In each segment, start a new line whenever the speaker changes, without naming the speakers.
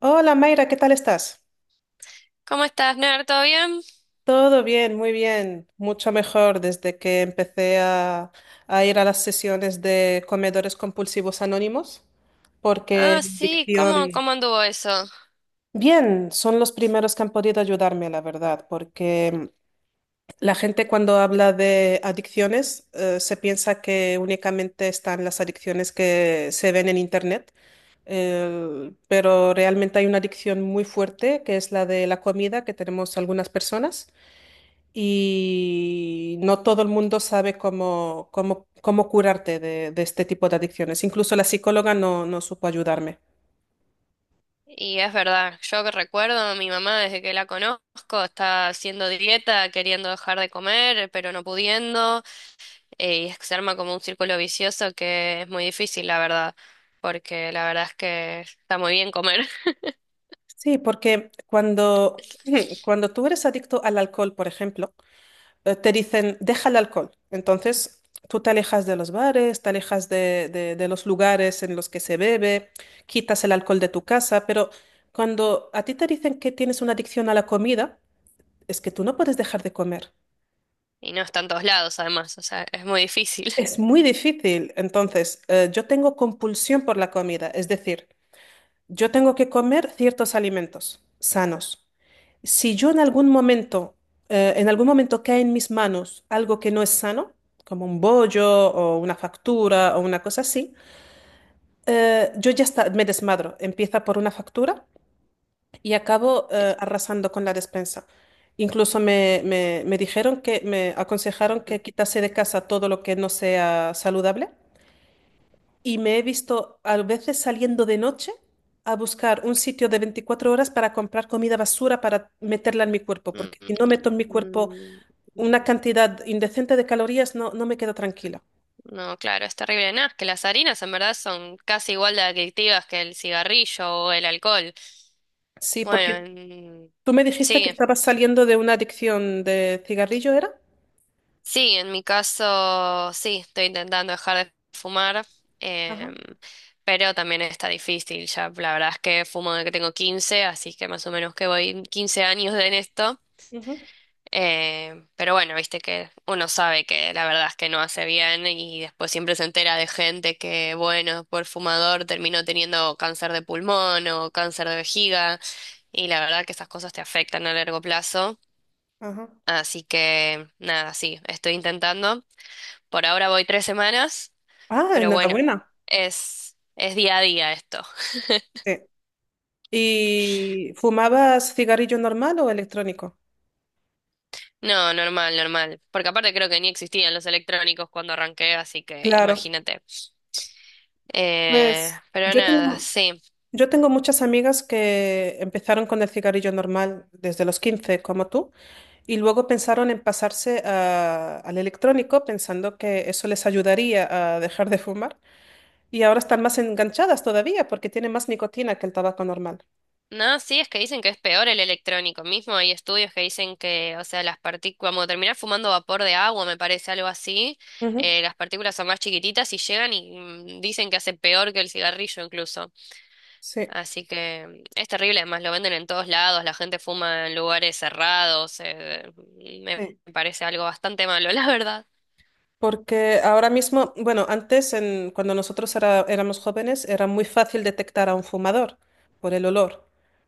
Hola Mayra, ¿qué tal estás?
¿Cómo estás, Ner? ¿Todo bien?
Todo bien, muy bien, mucho mejor desde que empecé a ir a las sesiones de comedores compulsivos anónimos, porque
Ah,
la
sí, ¿cómo,
adicción.
cómo anduvo eso?
Bien, son los primeros que han podido ayudarme, la verdad, porque la gente cuando habla de adicciones se piensa que únicamente están las adicciones que se ven en Internet. Pero realmente hay una adicción muy fuerte, que es la de la comida que tenemos algunas personas. Y no todo el mundo sabe cómo curarte de este tipo de adicciones. Incluso la psicóloga no, no supo ayudarme.
Y es verdad, yo que recuerdo, a mi mamá desde que la conozco está haciendo dieta, queriendo dejar de comer, pero no pudiendo. Y es que se arma como un círculo vicioso que es muy difícil, la verdad, porque la verdad es que está muy bien comer.
Sí, porque cuando, cuando tú eres adicto al alcohol, por ejemplo, te dicen, deja el alcohol. Entonces, tú te alejas de los bares, te alejas de los lugares en los que se bebe, quitas el alcohol de tu casa, pero cuando a ti te dicen que tienes una adicción a la comida, es que tú no puedes dejar de comer.
Y no está en todos lados, además, o sea, es muy difícil.
Es muy difícil. Entonces, yo tengo compulsión por la comida, es decir, yo tengo que comer ciertos alimentos sanos. Si yo en algún momento cae en mis manos algo que no es sano, como un bollo o una factura o una cosa así, yo ya está, me desmadro. Empieza por una factura y acabo, arrasando con la despensa. Incluso me dijeron que me aconsejaron que quitase de casa todo lo que no sea saludable. Y me he visto a veces saliendo de noche a buscar un sitio de 24 horas para comprar comida basura para meterla en mi cuerpo,
Mm,
porque si no meto en mi cuerpo
mm.
una cantidad indecente de calorías, no, no me quedo tranquila.
No, claro, es terrible. Nada, es que las harinas en verdad son casi igual de adictivas que el cigarrillo o el alcohol.
Sí,
Bueno,
porque tú me dijiste que
sí,
estabas saliendo de una adicción de cigarrillo, ¿era?
sí, en mi caso sí, estoy intentando dejar de fumar.
Ajá.
em, pero también está difícil. Ya la verdad es que fumo desde que tengo 15, así que más o menos que voy 15 años en esto.
Ujú.
Pero bueno, viste que uno sabe que la verdad es que no hace bien, y después siempre se entera de gente que, bueno, por fumador terminó teniendo cáncer de pulmón o cáncer de vejiga, y la verdad que esas cosas te afectan a largo plazo.
Ajá.
Así que nada, sí, estoy intentando. Por ahora voy 3 semanas,
Ah,
pero bueno,
enhorabuena.
es día a día esto.
Sí. ¿Y fumabas cigarrillo normal o electrónico?
No, normal, normal. Porque aparte creo que ni existían los electrónicos cuando arranqué, así que
Claro.
imagínate.
Pues
Pero
yo
nada,
tengo.
sí.
Yo tengo muchas amigas que empezaron con el cigarrillo normal desde los 15, como tú, y luego pensaron en pasarse al electrónico pensando que eso les ayudaría a dejar de fumar. Y ahora están más enganchadas todavía porque tiene más nicotina que el tabaco normal.
No, sí, es que dicen que es peor el electrónico mismo. Hay estudios que dicen que, o sea, las partículas, como terminar fumando vapor de agua, me parece algo así.
Ujú.
Las partículas son más chiquititas y llegan, y dicen que hace peor que el cigarrillo incluso.
Sí.
Así que es terrible, además lo venden en todos lados, la gente fuma en lugares cerrados, me
Sí.
parece algo bastante malo, la verdad.
Porque ahora mismo, bueno, antes cuando nosotros éramos jóvenes era muy fácil detectar a un fumador por el olor.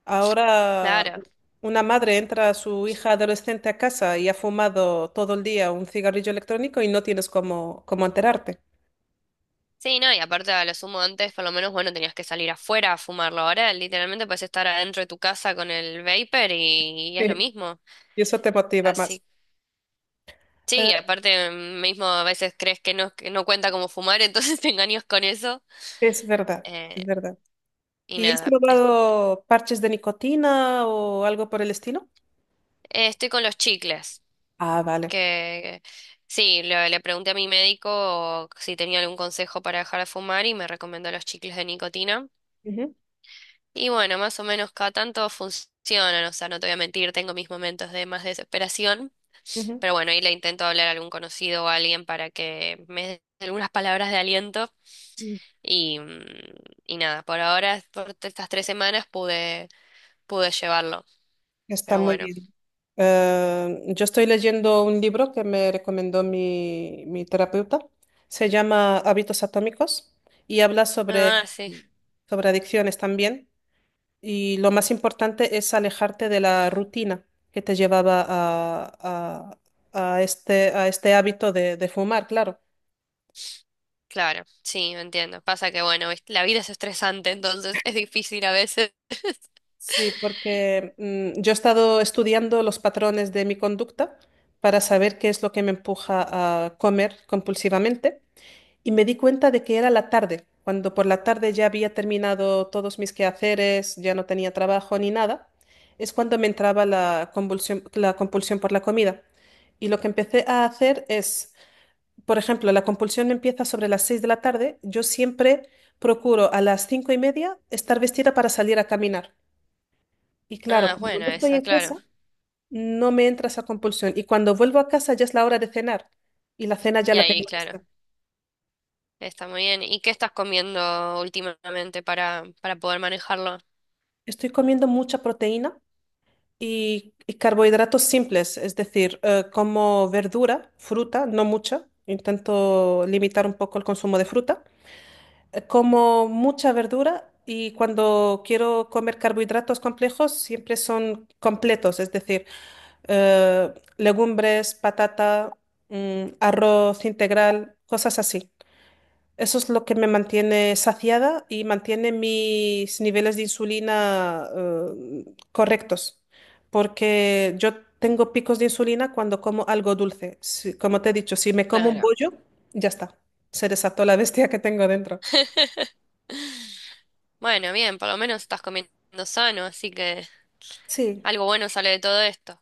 Ahora
Claro.
una madre entra a su hija adolescente a casa y ha fumado todo el día un cigarrillo electrónico y no tienes cómo enterarte.
Sí, no, y aparte a lo sumo antes, por lo menos, bueno, tenías que salir afuera a fumarlo. Ahora literalmente puedes estar adentro de tu casa con el vapor, y es lo mismo.
Y eso te motiva más.
Así, sí,
Eh,
aparte mismo a veces crees que no cuenta como fumar, entonces te engañas con eso.
es verdad,
Eh,
es verdad.
y
¿Y has
nada,
probado parches de nicotina o algo por el estilo?
estoy con los chicles,
Ah, vale.
que sí, le pregunté a mi médico si tenía algún consejo para dejar de fumar y me recomendó los chicles de nicotina.
Ujú,
Y bueno, más o menos cada tanto funcionan, o sea, no te voy a mentir, tengo mis momentos de más desesperación,
ujú.
pero bueno, ahí le intento hablar a algún conocido o a alguien para que me dé algunas palabras de aliento y, mm, y nada. Por ahora, por estas 3 semanas pude llevarlo,
Está
pero
muy
bueno.
bien. Yo estoy leyendo un libro que me recomendó mi terapeuta. Se llama Hábitos Atómicos y habla sobre,
Ah, sí,
sobre adicciones también. Y lo más importante es alejarte de la rutina que te llevaba a este hábito de fumar, claro.
claro, sí, entiendo. Pasa que bueno, viste, la vida es estresante, entonces es difícil a veces.
Sí, porque yo he estado estudiando los patrones de mi conducta para saber qué es lo que me empuja a comer compulsivamente. Y me di cuenta de que era la tarde, cuando por la tarde ya había terminado todos mis quehaceres, ya no tenía trabajo ni nada, es cuando me entraba la convulsión, la compulsión por la comida. Y lo que empecé a hacer es, por ejemplo, la compulsión me empieza sobre las 6 de la tarde, yo siempre procuro a las 5:30 estar vestida para salir a caminar. Y claro,
Ah,
como no
bueno,
estoy
esa,
en
claro.
casa, no me entra esa compulsión. Y cuando vuelvo a casa ya es la hora de cenar y la cena ya
Y
la
ahí,
tengo
claro.
lista.
Está muy bien. ¿Y qué estás comiendo últimamente para poder manejarlo?
Estoy comiendo mucha proteína y carbohidratos simples, es decir, como verdura, fruta, no mucha, intento limitar un poco el consumo de fruta, como mucha verdura y cuando quiero comer carbohidratos complejos siempre son completos, es decir, legumbres, patata, arroz integral, cosas así. Eso es lo que me mantiene saciada y mantiene mis niveles de insulina correctos, porque yo tengo picos de insulina cuando como algo dulce. Como te he dicho, si me como un
Claro.
bollo, ya está, se desató la bestia que tengo dentro.
Bueno, bien, por lo menos estás comiendo sano, así que
Sí.
algo bueno sale de todo esto.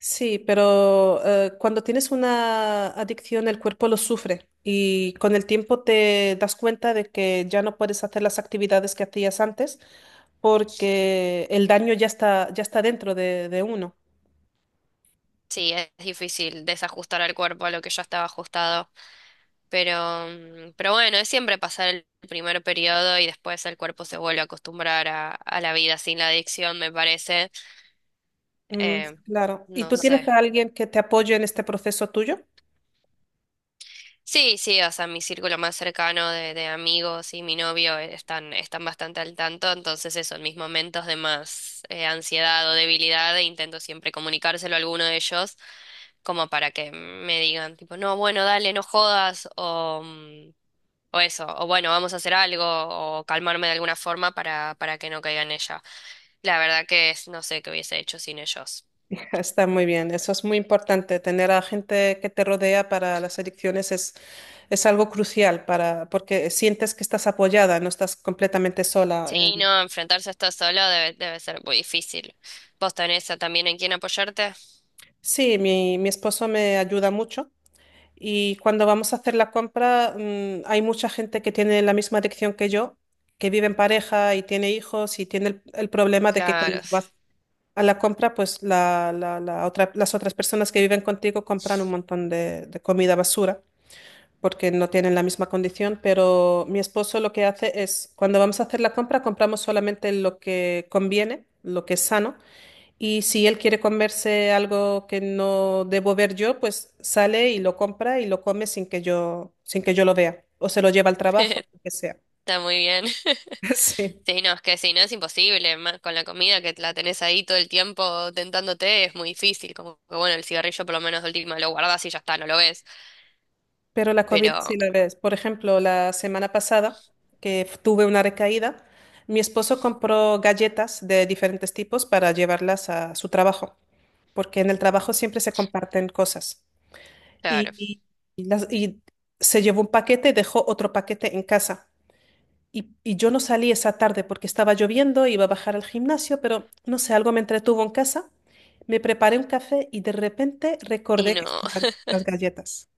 Sí, pero cuando tienes una adicción el cuerpo lo sufre y con el tiempo te das cuenta de que ya no puedes hacer las actividades que hacías antes porque el daño ya está dentro de uno.
Sí, es difícil desajustar al cuerpo a lo que ya estaba ajustado, pero bueno, es siempre pasar el primer periodo y después el cuerpo se vuelve a acostumbrar a la vida sin la adicción, me parece.
Mm,
Eh,
claro. ¿Y
no
tú tienes
sé.
a alguien que te apoye en este proceso tuyo?
Sí, sí, o sea, mi círculo más cercano de amigos y mi novio están bastante al tanto, entonces eso, en mis momentos de más ansiedad o debilidad, intento siempre comunicárselo a alguno de ellos, como para que me digan, tipo, no, bueno, dale, no jodas, o eso, o bueno, vamos a hacer algo, o calmarme de alguna forma para que no caiga en ella. La verdad que es, no sé qué hubiese hecho sin ellos.
Está muy bien, eso es muy importante. Tener a gente que te rodea para las adicciones es algo crucial para, porque sientes que estás apoyada, no estás completamente sola.
Sí, no, enfrentarse a esto solo debe ser muy difícil. ¿Vos tenés también en quién apoyarte?
Sí, mi esposo me ayuda mucho y cuando vamos a hacer la compra, hay mucha gente que tiene la misma adicción que yo, que vive en pareja y tiene hijos y tiene el problema de que cuando
Claro,
vas a la compra, pues las otras personas que viven contigo compran un montón de comida basura porque no tienen la misma condición, pero mi esposo lo que hace es, cuando vamos a hacer la compra, compramos solamente lo que conviene, lo que es sano y si él quiere comerse algo que no debo ver yo, pues sale y lo compra y lo come sin que yo lo vea. O se lo lleva al trabajo, lo que sea.
está muy bien.
Sí.
Sí, no, es que si no es imposible, con la comida que la tenés ahí todo el tiempo tentándote es muy difícil, como que bueno, el cigarrillo por lo menos de última lo guardás y ya está, no lo ves,
Pero la comida
pero
sí la ves. Por ejemplo, la semana pasada, que tuve una recaída, mi esposo compró galletas de diferentes tipos para llevarlas a su trabajo, porque en el trabajo siempre se comparten cosas.
claro,
Y, y- y se llevó un paquete y dejó otro paquete en casa. Y yo no salí esa tarde porque estaba lloviendo, iba a bajar al gimnasio, pero no sé, algo me entretuvo en casa. Me preparé un café y de repente
y
recordé que
no,
estaban las galletas.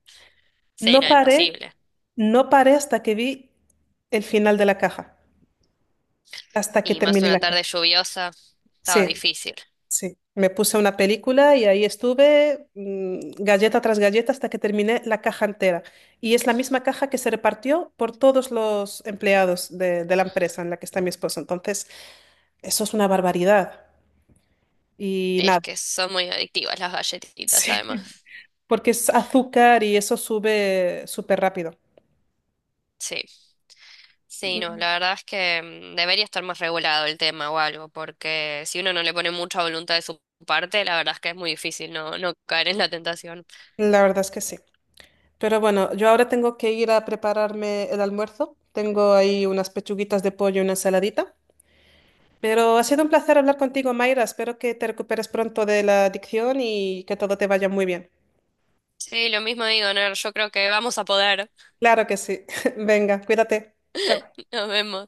sí,
No
no,
paré,
imposible.
no paré hasta que vi el final de la caja, hasta que
Y más
terminé
una
la caja.
tarde lluviosa, estaba
Sí,
difícil.
sí. Me puse una película y ahí estuve, galleta tras galleta, hasta que terminé la caja entera. Y es la misma caja que se repartió por todos los empleados de la empresa en la que está mi esposo. Entonces, eso es una barbaridad. Y
Es
nada,
que son muy adictivas las galletitas,
sí,
además.
porque es azúcar y eso sube súper rápido.
Sí. Sí,
y
no, la verdad es que debería estar más regulado el tema o algo, porque si uno no le pone mucha voluntad de su parte, la verdad es que es muy difícil no, no caer en la tentación.
La verdad es que sí. Pero bueno, yo ahora tengo que ir a prepararme el almuerzo. Tengo ahí unas pechuguitas de pollo y una ensaladita. Pero ha sido un placer hablar contigo, Mayra. Espero que te recuperes pronto de la adicción y que todo te vaya muy bien.
Sí, lo mismo digo, Ner, yo creo que vamos a poder.
Claro que sí. Venga, cuídate. Chao.
Nos vemos.